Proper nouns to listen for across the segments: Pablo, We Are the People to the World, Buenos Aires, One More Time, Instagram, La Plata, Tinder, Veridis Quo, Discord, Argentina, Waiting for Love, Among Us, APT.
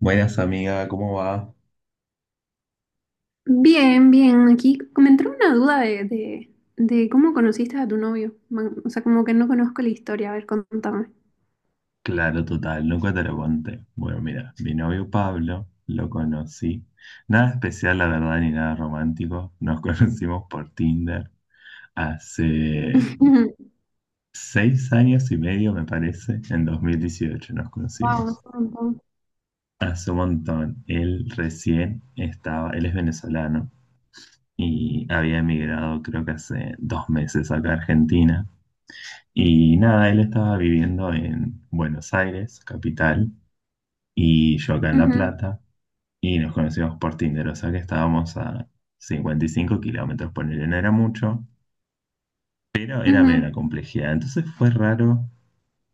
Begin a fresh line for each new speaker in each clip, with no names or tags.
Buenas amiga, ¿cómo va?
Bien, bien. Aquí me entró una duda de cómo conociste a tu novio. O sea, como que no conozco la historia. A ver, contame.
Claro, total, nunca te lo conté. Bueno, mira, mi novio Pablo lo conocí. Nada especial, la verdad, ni nada romántico. Nos conocimos por Tinder hace 6 años y medio, me parece. En 2018 nos
Wow, es
conocimos.
un montón.
Hace un montón. Él recién estaba, él es venezolano y había emigrado creo que hace 2 meses acá a Argentina. Y nada, él estaba viviendo en Buenos Aires, capital, y yo acá en La
Ujú.
Plata, y nos conocimos por Tinder, o sea que estábamos a 55 kilómetros, ponerle, no era mucho, pero era medio la
Ujú.
complejidad. Entonces fue raro,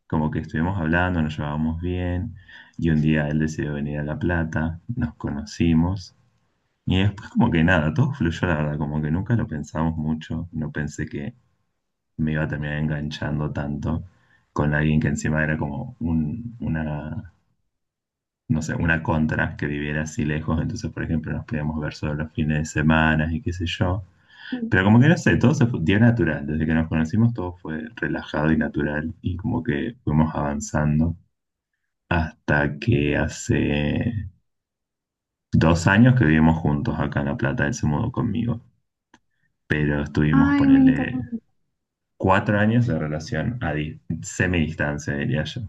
como que estuvimos hablando, nos llevábamos bien, y un día él decidió venir a La Plata, nos conocimos, y después como que nada, todo fluyó, la verdad, como que nunca lo pensamos mucho, no pensé que me iba a terminar enganchando tanto con alguien que encima era como una no sé, una contra que viviera así lejos, entonces, por ejemplo, nos podíamos ver solo los fines de semana y qué sé yo. Pero como que no sé, todo se fue, dio natural, desde que nos conocimos todo fue relajado y natural y como que fuimos avanzando hasta que hace 2 años que vivimos juntos acá en La Plata, él se mudó conmigo, pero estuvimos,
Ay, me
ponerle,
encanta.
4 años de relación a semidistancia, diría yo.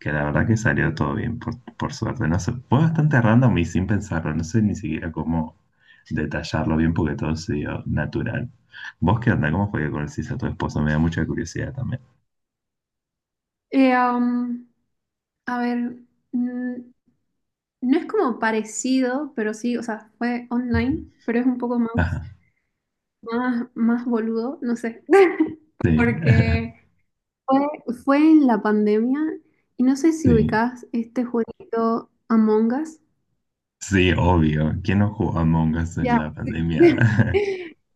Que la verdad que salió todo bien, por suerte. No sé, fue bastante random y sin pensarlo. No sé ni siquiera cómo detallarlo bien porque todo se dio natural. ¿Vos qué onda? ¿Cómo fue que conociste a tu esposo? Me da mucha curiosidad también.
Eh, um, a ver, mm, no es como parecido, pero sí, o sea, fue online, pero es un poco más,
Ajá.
más boludo, no sé.
Sí,
Porque fue en la pandemia y no sé si
sí,
ubicás este jueguito Among Us.
sí, obvio. ¿Quién no jugó Among Us en
Ya.
la pandemia?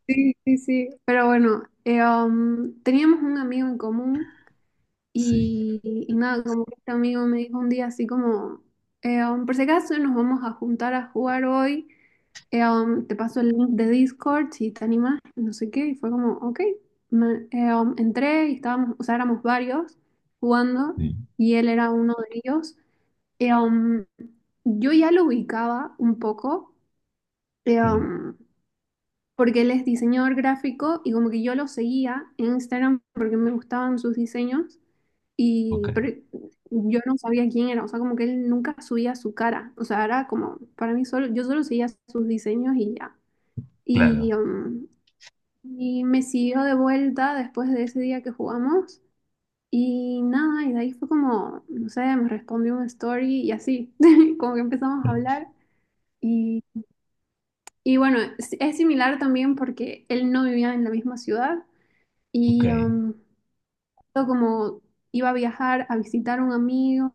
Sí, sí, sí. Pero bueno, teníamos un amigo en común
Sí,
y, y nada, como que este amigo me dijo un día así como, por si acaso nos vamos a juntar a jugar hoy, te paso el link de Discord si te animas, no sé qué, y fue como, ok. Entré y estábamos, o sea, éramos varios jugando
sí,
y él era uno de ellos. Eh, um, yo ya lo ubicaba un poco. eh,
sí.
um, Porque él es diseñador gráfico y como que yo lo seguía en Instagram porque me gustaban sus diseños
Ok,
y pero yo no sabía quién era, o sea, como que él nunca subía su cara, o sea, era como para mí solo, yo solo seguía sus diseños y ya. Y,
claro.
um, y me siguió de vuelta después de ese día que jugamos y nada, y de ahí fue como, no sé, me respondió un story y así, como que empezamos a hablar y, y bueno, es similar también porque él no vivía en la misma ciudad.
Ok,
Y am, yo como iba a viajar a visitar a un amigo,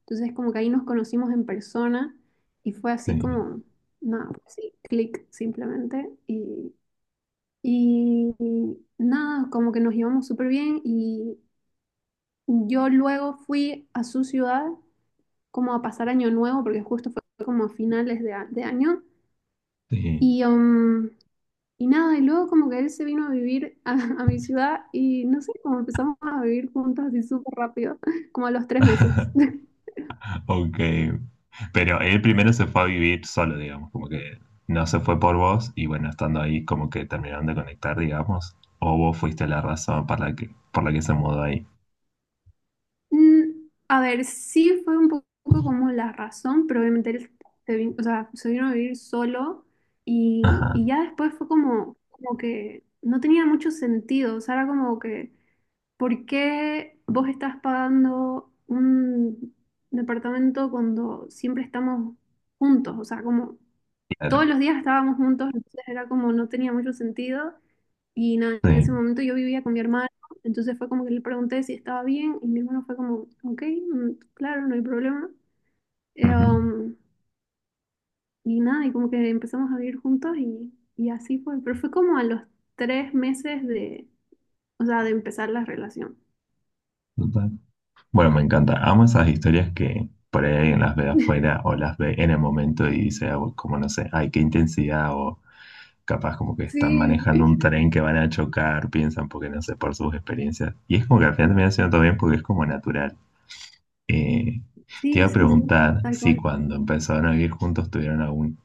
entonces como que ahí nos conocimos en persona y fue así
sí,
como, nada, así, clic simplemente. Y nada, como que nos llevamos súper bien y yo luego fui a su ciudad como a pasar año nuevo, porque justo fue como a finales de, de año.
sí.
Y, um, Y nada, y luego como que él se vino a vivir a, a mi ciudad y no sé, como empezamos a vivir juntos así súper rápido, como a los 3 meses.
Ok, pero él primero se fue a vivir solo, digamos, como que no se fue por vos y bueno, estando ahí como que terminaron de conectar, digamos, o vos fuiste la razón para la que, por la que se mudó ahí.
Mm, a ver, sí fue un poco como la razón, pero obviamente él o sea, se vino a vivir solo
Ajá,
y ya después fue como, como que no tenía mucho sentido, o sea, era como que, ¿por qué vos estás pagando un departamento cuando siempre estamos juntos? O sea, como... todos
claro,
los días estábamos juntos, entonces era como no tenía mucho sentido. Y nada,
sí.
en ese momento yo vivía con mi hermano, entonces fue como que le pregunté si estaba bien y mi hermano fue como, ok, mm, claro, no hay problema. Eh,
Ujú,
um, y nada, y como que empezamos a vivir juntos y así fue, pero fue como a los 3 meses de, o sea, de empezar la relación.
total. Bueno, me encanta. Amo esas historias que por ahí alguien las ve afuera o las ve en el momento y dice, ah, como no sé, ay, qué intensidad o capaz como que están
Sí.
manejando un tren que van a chocar, piensan porque no sé, por sus experiencias. Y es como que al final termina siendo todo bien porque es como natural. Eh, te iba
Sí,
a
sí, sí,
preguntar
tal
si
cual.
cuando empezaron a vivir juntos tuvieron alguna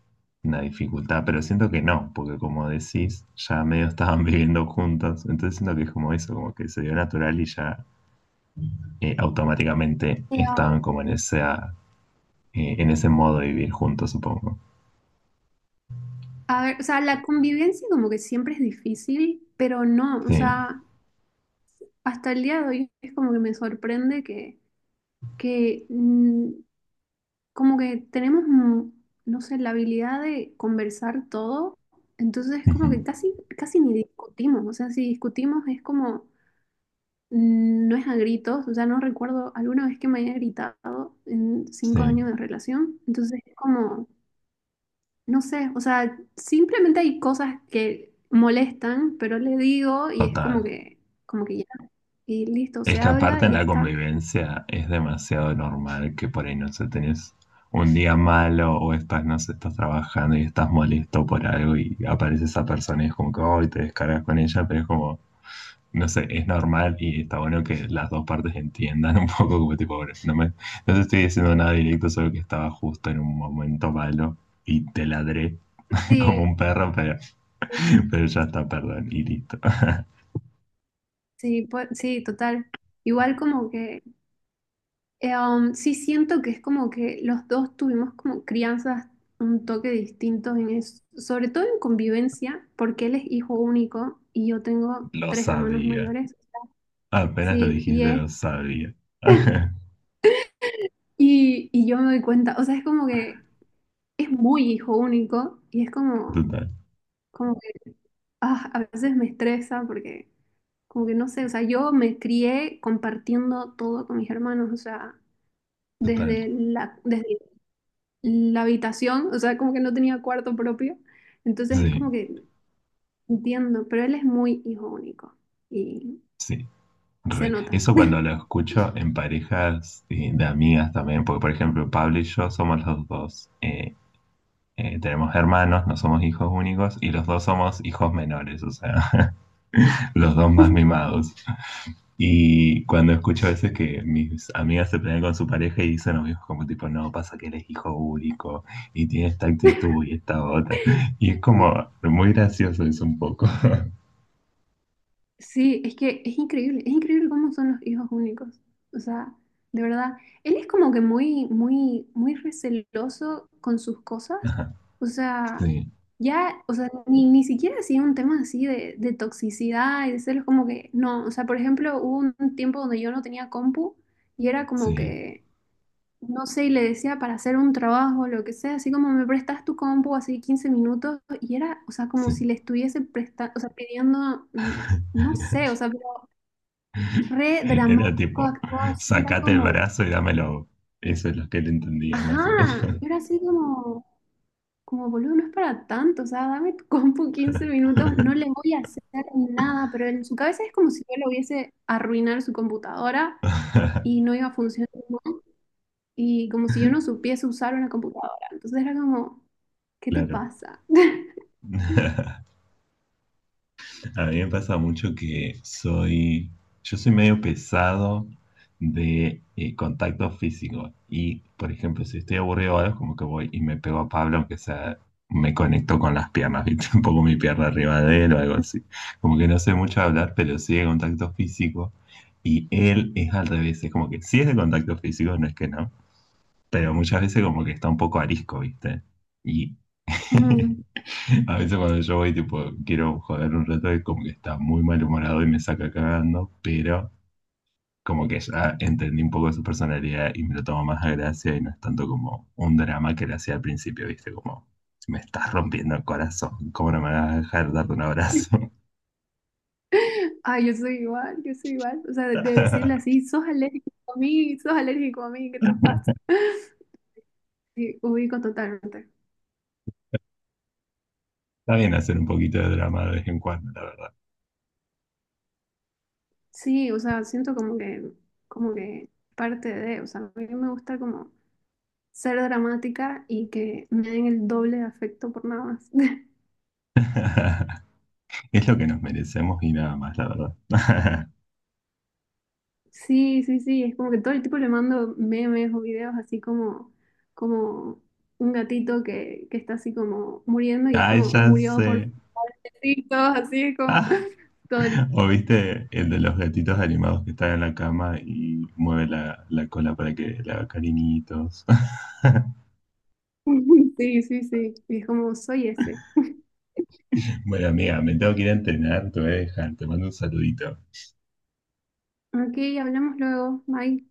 dificultad, pero siento que no, porque como decís, ya medio estaban viviendo juntos, entonces siento que es como eso, como que se dio natural y ya automáticamente
Eh,
estaban como en esa, en ese modo de vivir juntos, supongo.
a ver, o sea, la convivencia como que siempre es difícil, pero no, o
Sí,
sea, hasta el día de hoy es como que me sorprende que, que mm, como que tenemos, no sé, la habilidad de conversar todo, entonces es
ujú,
como que casi, casi ni discutimos, o sea, si discutimos es como, mm, no es a gritos, o sea, no recuerdo alguna vez que me haya gritado en cinco
sí,
años de relación, entonces es como, no sé, o sea, simplemente hay cosas que molestan, pero le digo y es
total.
como que ya, y listo,
Es
se
que
habla
aparte
y
en
ya
la
está.
convivencia es demasiado normal que por ahí, no sé, tenés un día malo o estás, no sé, estás trabajando y estás molesto por algo y aparece esa persona y es como que, hoy te descargas con ella, pero es como, no sé, es normal y está bueno que las dos partes entiendan un poco como tipo, "Bueno, no me, no te estoy diciendo nada directo, solo que estaba justo en un momento malo y te ladré como
Sí,
un perro, pero ya está, perdón, y listo.
sí, pues, sí, total. Igual como que, sí siento que es como que los dos tuvimos como crianzas un toque distinto en eso, sobre todo en convivencia, porque él es hijo único y yo tengo
Lo
3 hermanos
sabía.
mayores.
Apenas lo
Sí,
dijiste, lo sabía.
y yo me doy cuenta, o sea, es como que es muy hijo único y es como,
Total,
como que, ah, a veces me estresa porque como que no sé, o sea, yo me crié compartiendo todo con mis hermanos, o sea,
total.
desde la habitación, o sea, como que no tenía cuarto propio. Entonces es
Sí,
como que entiendo, pero él es muy hijo único y
sí.
se
Re.
nota.
Eso cuando lo escucho en parejas, de amigas también, porque por ejemplo Pablo y yo somos los dos, tenemos hermanos, no somos hijos únicos y los dos somos hijos menores, o sea, los dos más mimados. Y cuando escucho a veces que mis amigas se pelean con su pareja y dicen amigos como tipo, no, pasa que él es hijo único y tiene esta actitud y esta otra. Y es como muy gracioso eso un poco.
Sí, es que es increíble cómo son los hijos únicos. O sea, de verdad, él es como que muy, muy, muy receloso con sus cosas. O sea,
Sí,
ya, o sea, ni siquiera así un tema así de toxicidad y de celos, como que no. O sea, por ejemplo, hubo un tiempo donde yo no tenía compu y era como
sí,
que no sé, y le decía para hacer un trabajo, lo que sea, así como me prestas tu compu, así 15 minutos, y era, o sea, como
sí.
si le estuviese o sea, pidiendo, mm, no sé, o sea, pero re
Era
dramático
tipo,
actuado, así era
sacate el
como,
brazo y dámelo. Eso es lo que él entendía más o
ajá,
menos.
y era así como, como boludo, no es para tanto, o sea, dame tu compu 15 minutos, no le voy a hacer nada, pero en su cabeza es como si yo le hubiese arruinar su computadora y no iba a funcionar. Y como si yo no supiese usar una computadora. Entonces era como, ¿qué te
Claro.
pasa? Mm.
A mí me pasa mucho que yo soy medio pesado de contacto físico y, por ejemplo, si estoy aburrido o algo, como que voy y me pego a Pablo, aunque sea, me conecto con las piernas, ¿viste? Un poco mi pierna arriba de él o algo así. Como que no sé mucho hablar, pero sí de contacto físico y él es al revés, es como que sí es de contacto físico, no es que no, pero muchas veces como que está un poco arisco, ¿viste? Y a veces cuando yo voy, tipo, quiero joder un rato, es como que está muy malhumorado y me saca cagando, pero como que ya entendí un poco su personalidad y me lo tomo más a gracia y no es tanto como un drama que le hacía al principio, ¿viste? Como, me estás rompiendo el corazón, ¿cómo no me vas a dejar darte un abrazo?
Ay, yo soy igual, yo soy igual. O sea, de
Está
decirle así, sos alérgico a mí, sos alérgico a mí, ¿qué te pasa? Sí, ubico totalmente.
bien hacer un poquito de drama de vez en cuando, la
Sí, o sea, siento como que parte de, o sea, a mí me gusta como ser dramática y que me den el doble de afecto por nada más.
verdad. Es lo que nos merecemos y nada más, la verdad.
Sí, sí, sí, es como que todo el tiempo le mando memes o videos así como, como un gatito que está así como muriendo y es
Ay,
como
ya
murió
sé.
por todos así es como todo el...
¿O viste el de los gatitos animados que están en la cama y mueve la cola para que le haga cariñitos?
Sí, sí, sí, y es como soy ese.
Bueno, amiga, me tengo que ir a entrenar, te voy a dejar, te mando un saludito.
Ok, hablamos luego, bye.